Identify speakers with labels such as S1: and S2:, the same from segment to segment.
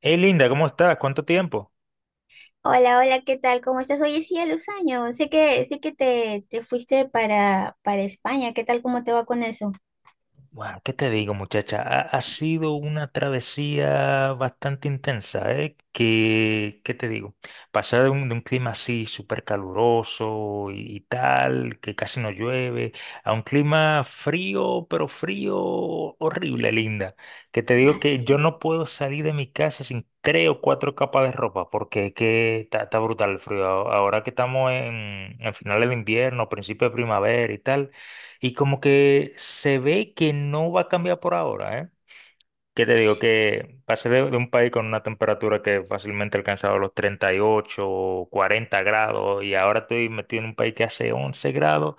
S1: Hey Linda, ¿cómo estás? ¿Cuánto tiempo?
S2: Hola, hola, ¿qué tal? ¿Cómo estás? Oye, sí, a los años. Sé que te fuiste para España. ¿Qué tal? ¿Cómo te va con eso?
S1: Bueno, ¿qué te digo, muchacha? Ha sido una travesía bastante intensa, ¿eh? ¿Qué te digo? Pasar de un clima así súper caluroso y tal, que casi no llueve, a un clima frío, pero frío horrible, Linda. Que te digo que yo
S2: Así,
S1: no puedo salir de mi casa sin tres o cuatro capas de ropa, porque es que está brutal el frío. Ahora que estamos en finales de invierno, principio de primavera y tal. Y como que se ve que no va a cambiar por ahora, ¿eh? ¿Qué te digo? Que pasé de un país con una temperatura que fácilmente alcanzaba los 38 o 40 grados y ahora estoy metido en un país que hace 11 grados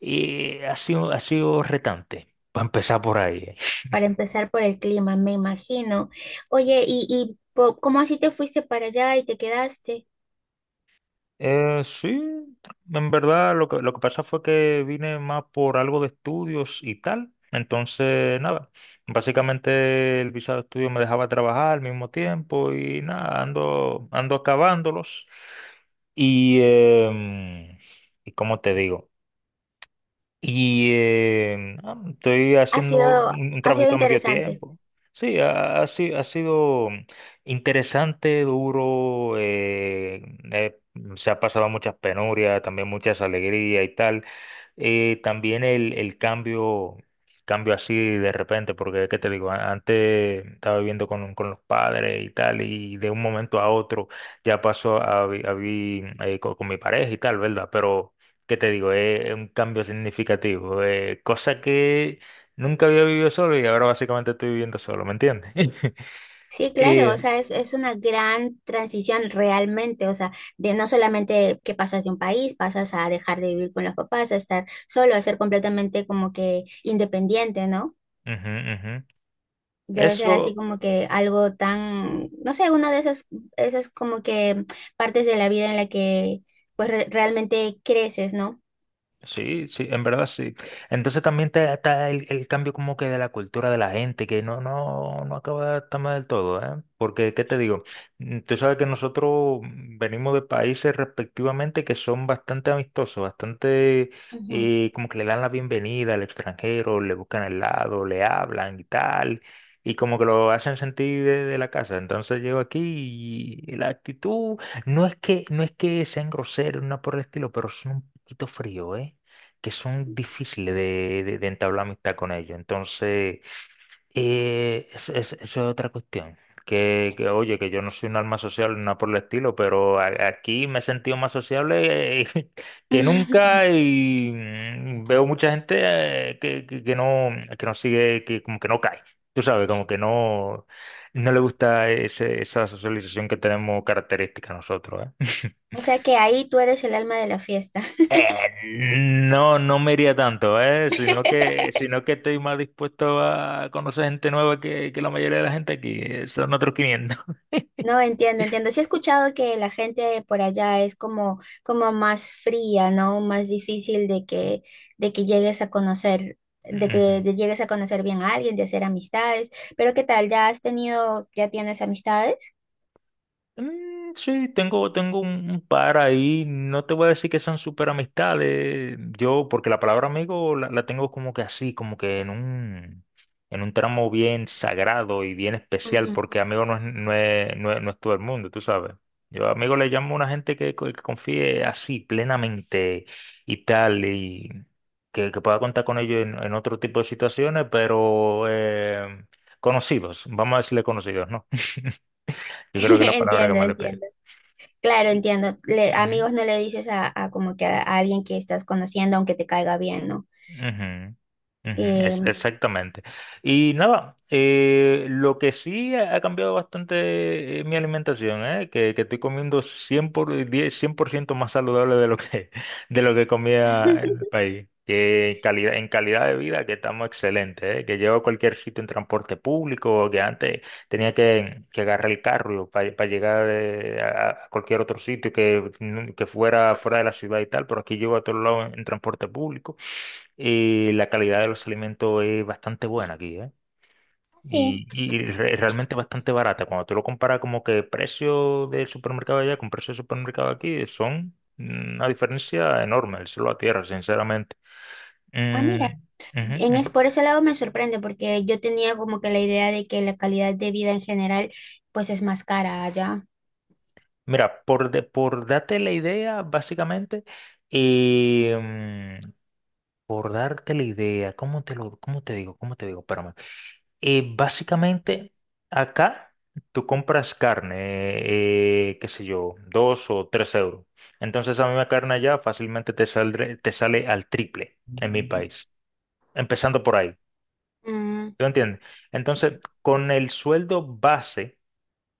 S1: y ha sido retante, para empezar por ahí, ¿eh?
S2: para empezar por el clima, me imagino. Oye, ¿ cómo así te fuiste para allá y te quedaste?
S1: Sí, en verdad lo lo que pasa fue que vine más por algo de estudios y tal. Entonces, nada, básicamente el visado de estudio me dejaba trabajar al mismo tiempo y nada, ando acabándolos. Y, em, y como te digo, estoy
S2: Ha
S1: haciendo
S2: sido,
S1: un
S2: ha sido
S1: trabajito a medio
S2: interesante.
S1: tiempo. Sí, ha, ha si- ha sido interesante, duro. Eh, Se ha pasado muchas penurias, también muchas alegrías y tal. También el cambio, cambio así de repente, porque, ¿qué te digo? Antes estaba viviendo con los padres y tal, y de un momento a otro ya pasó a, a vivir con mi pareja y tal, ¿verdad? Pero ¿qué te digo? Es un cambio significativo, cosa que nunca había vivido solo y ahora básicamente estoy viviendo solo, ¿me entiendes?
S2: Sí,
S1: Y
S2: claro, o sea, es una gran transición realmente, o sea, de no solamente que pasas de un país, pasas a dejar de vivir con los papás, a estar solo, a ser completamente como que independiente, ¿no?
S1: ujú, ujú.
S2: Debe ser así
S1: Eso.
S2: como que algo tan, no sé, una de esas, esas como que partes de la vida en la que pues realmente creces, ¿no?
S1: Sí, sí, en verdad sí. Entonces también está el cambio como que de la cultura de la gente, que no acaba de estar mal del todo, ¿eh? Porque, ¿qué te digo? Tú sabes que nosotros venimos de países respectivamente que son bastante amistosos, bastante,
S2: Ujú.
S1: como que le dan la bienvenida al extranjero, le buscan el lado, le hablan y tal, y como que lo hacen sentir de la casa. Entonces llego aquí y la actitud no es que sean groseros, no por el estilo, pero son un poquito fríos, ¿eh? Que son difíciles de entablar amistad con ellos. Entonces, eso es otra cuestión. Oye, que yo no soy un alma social ni nada por el estilo, pero aquí me he sentido más sociable, que nunca, y veo mucha gente, que no sigue, que como que no cae. Tú sabes, como que no le gusta esa socialización que tenemos característica nosotros, ¿eh?
S2: O sea que ahí tú eres el alma de la fiesta.
S1: No, no me iría tanto, sino que estoy más dispuesto a conocer gente nueva que la mayoría de la gente aquí. Son otros 500.
S2: No entiendo, entiendo. Sí he escuchado que la gente por allá es como, como más fría, ¿no? Más difícil de que llegues a conocer, de
S1: Ujú.
S2: que de- llegues a conocer bien a alguien, de hacer amistades. Pero ¿qué tal? ¿Ya has tenido, ya tienes amistades?
S1: Sí, tengo un par ahí. No te voy a decir que son súper amistades. Yo, porque la palabra amigo la tengo como que así, como que en un tramo bien sagrado y bien especial,
S2: Ujú.
S1: porque amigo no es todo el mundo, tú sabes. Yo amigo le llamo a una gente que confíe así, plenamente y tal, y que pueda contar con ellos en otro tipo de situaciones, pero, conocidos, vamos a decirle conocidos, ¿no? Yo creo que es la palabra que
S2: Entiendo,
S1: más le pega.
S2: entiendo. Claro, entiendo.
S1: Ujú.
S2: Amigos no le dices a como que a alguien que estás conociendo, aunque te caiga bien, ¿no?
S1: Ujú, ujú,
S2: Em,
S1: exactamente. Y nada, lo que sí ha cambiado bastante, mi alimentación, que estoy comiendo 100% más saludable de lo que, de lo que comía en el país. Que calidad, en calidad de vida que estamos excelentes, que llevo a cualquier sitio en transporte público, que antes tenía que agarrar el carro para llegar a cualquier otro sitio que fuera fuera de la ciudad y tal, pero aquí llego a todos lados en transporte público. La calidad de los alimentos es bastante buena aquí, ¿eh?
S2: sí.
S1: Y, realmente bastante barata. Cuando tú lo comparas como que precio del supermercado allá con precio del supermercado aquí, son una diferencia enorme, el cielo a tierra, sinceramente.
S2: Ah,
S1: Mm,
S2: mira.
S1: ujú,
S2: En es,
S1: ujú.
S2: por ese lado me sorprende, porque yo tenía como que la idea de que la calidad de vida en general, pues es más cara allá.
S1: Mira, por darte la idea, básicamente, eh, mm, por darte la idea, cómo te digo? ¿Cómo te digo? Espérame. Básicamente, acá tú compras carne, qué sé yo, 2 o 3 euros. Entonces, a mí la carne allá fácilmente te sale al triple en mi país, empezando por ahí.
S2: Mm,
S1: ¿Tú entiendes? Entonces, con el sueldo base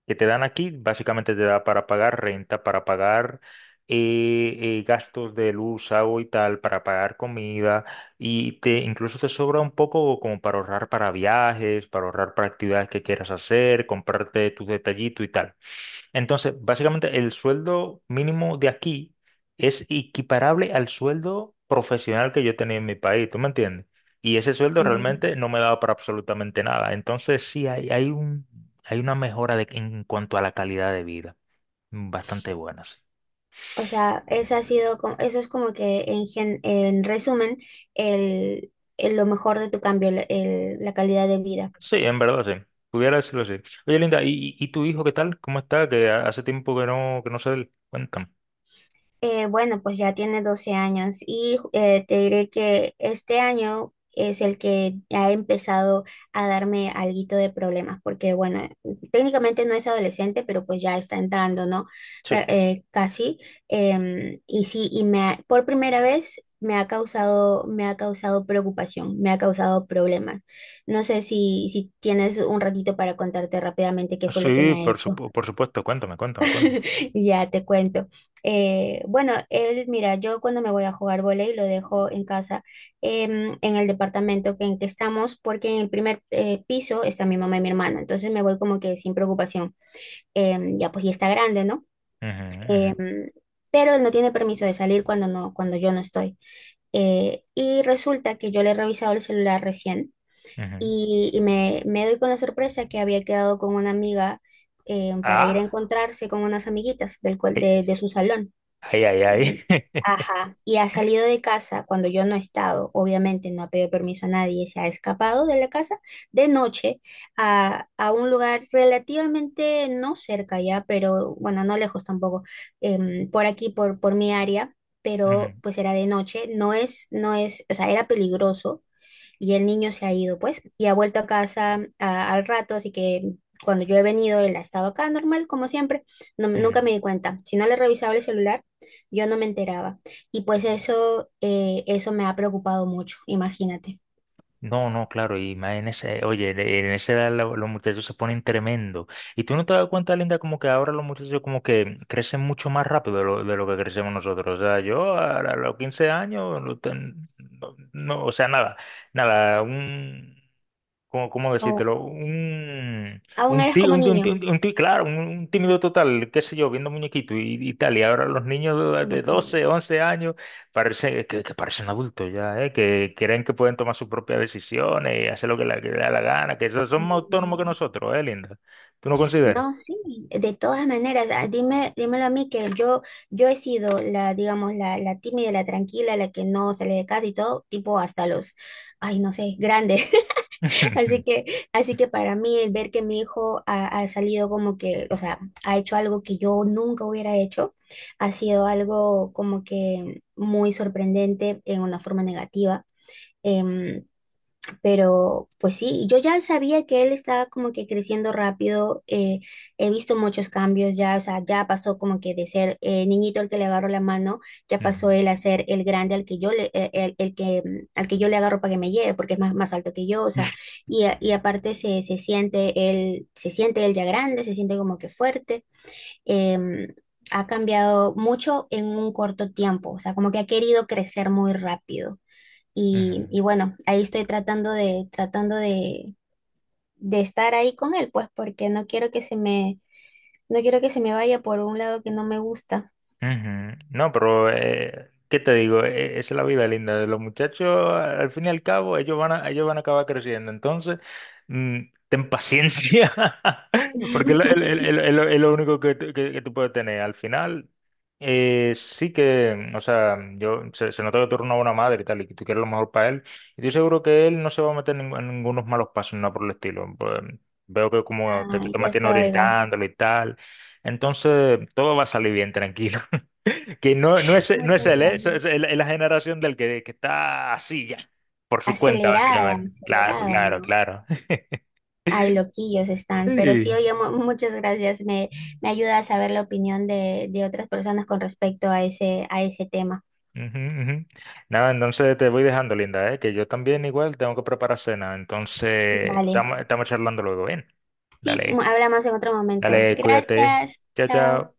S1: que te dan aquí, básicamente te da para pagar renta, para pagar, gastos de luz, agua y tal, para pagar comida, y te incluso te sobra un poco como para ahorrar para viajes, para ahorrar para actividades que quieras hacer, comprarte tus detallitos y tal. Entonces, básicamente el sueldo mínimo de aquí es equiparable al sueldo profesional que yo tenía en mi país, ¿tú me entiendes? Y ese sueldo
S2: entiendo.
S1: realmente no me daba para absolutamente nada. Entonces, sí, hay una mejora en cuanto a la calidad de vida, bastante buena, sí.
S2: O sea, eso ha sido como, eso es como que en resumen, el, lo mejor de tu cambio, la calidad de vida.
S1: Sí, en verdad, sí. Pudiera decirlo así. Oye, Linda, y tu hijo qué tal? ¿Cómo está? Que hace tiempo que que no se le... Cuéntame.
S2: Bueno, pues ya tiene 12 años y te diré que este año es el que ha empezado a darme alguito de problemas, porque bueno, técnicamente no es adolescente, pero pues ya está entrando, ¿no?
S1: Sí.
S2: Casi. Em, y sí, por primera vez me ha causado preocupación, me ha causado problemas. No sé si tienes un ratito para contarte rápidamente qué fue lo que
S1: Sí,
S2: me ha hecho.
S1: por supuesto, cuéntame, cuéntame, cuéntame.
S2: Ya te cuento. Bueno, él, mira, yo cuando me voy a jugar vóley lo dejo en casa, em, en el departamento que, en que estamos, porque en el primer piso está mi mamá y mi hermano, entonces me voy como que sin preocupación. Em, ya pues ya está grande, ¿no?
S1: Ujú, ujú,
S2: Em, pero él no tiene permiso de salir cuando no, cuando yo no estoy. Y resulta que yo le he revisado el celular recién
S1: ujú.
S2: y me doy con la sorpresa que había quedado con una amiga para ir a
S1: Ah.
S2: encontrarse con unas amiguitas de su salón.
S1: Ay, ay, ay.
S2: Y, ajá, y ha salido de casa cuando yo no he estado, obviamente no ha pedido permiso a nadie, se ha escapado de la casa de noche a un lugar relativamente no cerca ya, pero bueno, no lejos tampoco, em, por aquí, por mi área, pero
S1: Ujú,
S2: pues era de noche, no es, no es, o sea, era peligroso y el niño se ha ido, pues, y ha vuelto a casa al rato, así que cuando yo he venido, él ha estado acá normal, como siempre, no, nunca
S1: ujú.
S2: me di cuenta. Si no le revisaba el celular, yo no me enteraba. Y pues eso, eso me ha preocupado mucho, imagínate.
S1: No, no, claro, y más en ese, oye, en esa edad, los muchachos se ponen tremendo. Y tú no te das cuenta, Linda, como que ahora los muchachos como que crecen mucho más rápido de de lo que crecemos nosotros. O sea, yo a los 15 años, no, no, o sea, nada, nada, un, ¿cómo
S2: O-
S1: decírtelo?
S2: Aún eres como niño.
S1: Claro, un tímido total, qué sé yo, viendo muñequitos y tal. Y ahora los niños de 12,
S2: Imagínate.
S1: 11 años parece, que parecen adultos ya, ¿eh? Que creen que pueden tomar sus propias decisiones y hacer lo que les da la gana, que son más autónomos que
S2: Mm.
S1: nosotros, ¿eh, Linda? ¿Tú no consideras?
S2: No, sí, de todas maneras, ah, dime, dímelo a mí que yo he sido la, digamos, la tímida, la tranquila, la que no sale de casa y todo, tipo hasta los, ay, no sé, grandes. Así que, así que para mí el ver que mi hijo ha, ha salido como que, o sea, ha hecho algo que yo nunca hubiera hecho, ha sido algo como que muy sorprendente en una forma negativa. Em, pero pues sí, yo ya sabía que él estaba como que creciendo rápido, he visto muchos cambios ya, o sea, ya pasó como que de ser niñito al que le agarro la mano, ya pasó
S1: Ujú,
S2: él a ser el grande al que yo le, el que, mm, al que yo le agarro para que me lleve, porque es más, más alto que yo, o sea, y aparte se siente él ya grande, se siente como que fuerte, em, ha cambiado mucho en un corto tiempo, o sea, como que ha querido crecer muy rápido.
S1: ujú.
S2: Y bueno, ahí estoy tratando de estar ahí con él, pues, porque no quiero que se me, no quiero que se me vaya por un lado que no me gusta.
S1: Ujú. No, pero, ¿qué te digo? Esa es la vida linda de los muchachos. Al fin y al cabo, ellos van a acabar creciendo. Entonces, mm, ten paciencia, porque es lo único que tú puedes tener. Al final, sí que, o sea, yo se nota que tú eres una buena madre y tal, y que tú quieres lo mejor para él. Y estoy seguro que él no se va a meter en ningunos malos pasos, nada por el estilo. Pues, veo que como que tú
S2: Ay,
S1: te
S2: ya
S1: mantienes
S2: se oiga.
S1: orientándolo y tal. Entonces, todo va a salir bien, tranquilo. Que no, no
S2: Muchas
S1: es él, ¿eh? So,
S2: gracias.
S1: Es la generación que está así ya, por su cuenta,
S2: Acelerada,
S1: básicamente. Claro,
S2: acelerada,
S1: claro,
S2: ¿no?
S1: claro.
S2: Ay, loquillos están, pero sí,
S1: Sí.
S2: oye, muchas gracias. Me ayuda a saber la opinión de otras personas con respecto a ese tema.
S1: Ujú, ujú. Nada, entonces te voy dejando, Linda, ¿eh? Que yo también igual tengo que preparar cena. Entonces,
S2: Vale.
S1: estamos charlando luego, ¿bien?
S2: Sí,
S1: Dale,
S2: hablamos en otro momento.
S1: dale, cuídate.
S2: Gracias.
S1: Chao,
S2: Chao.
S1: chao.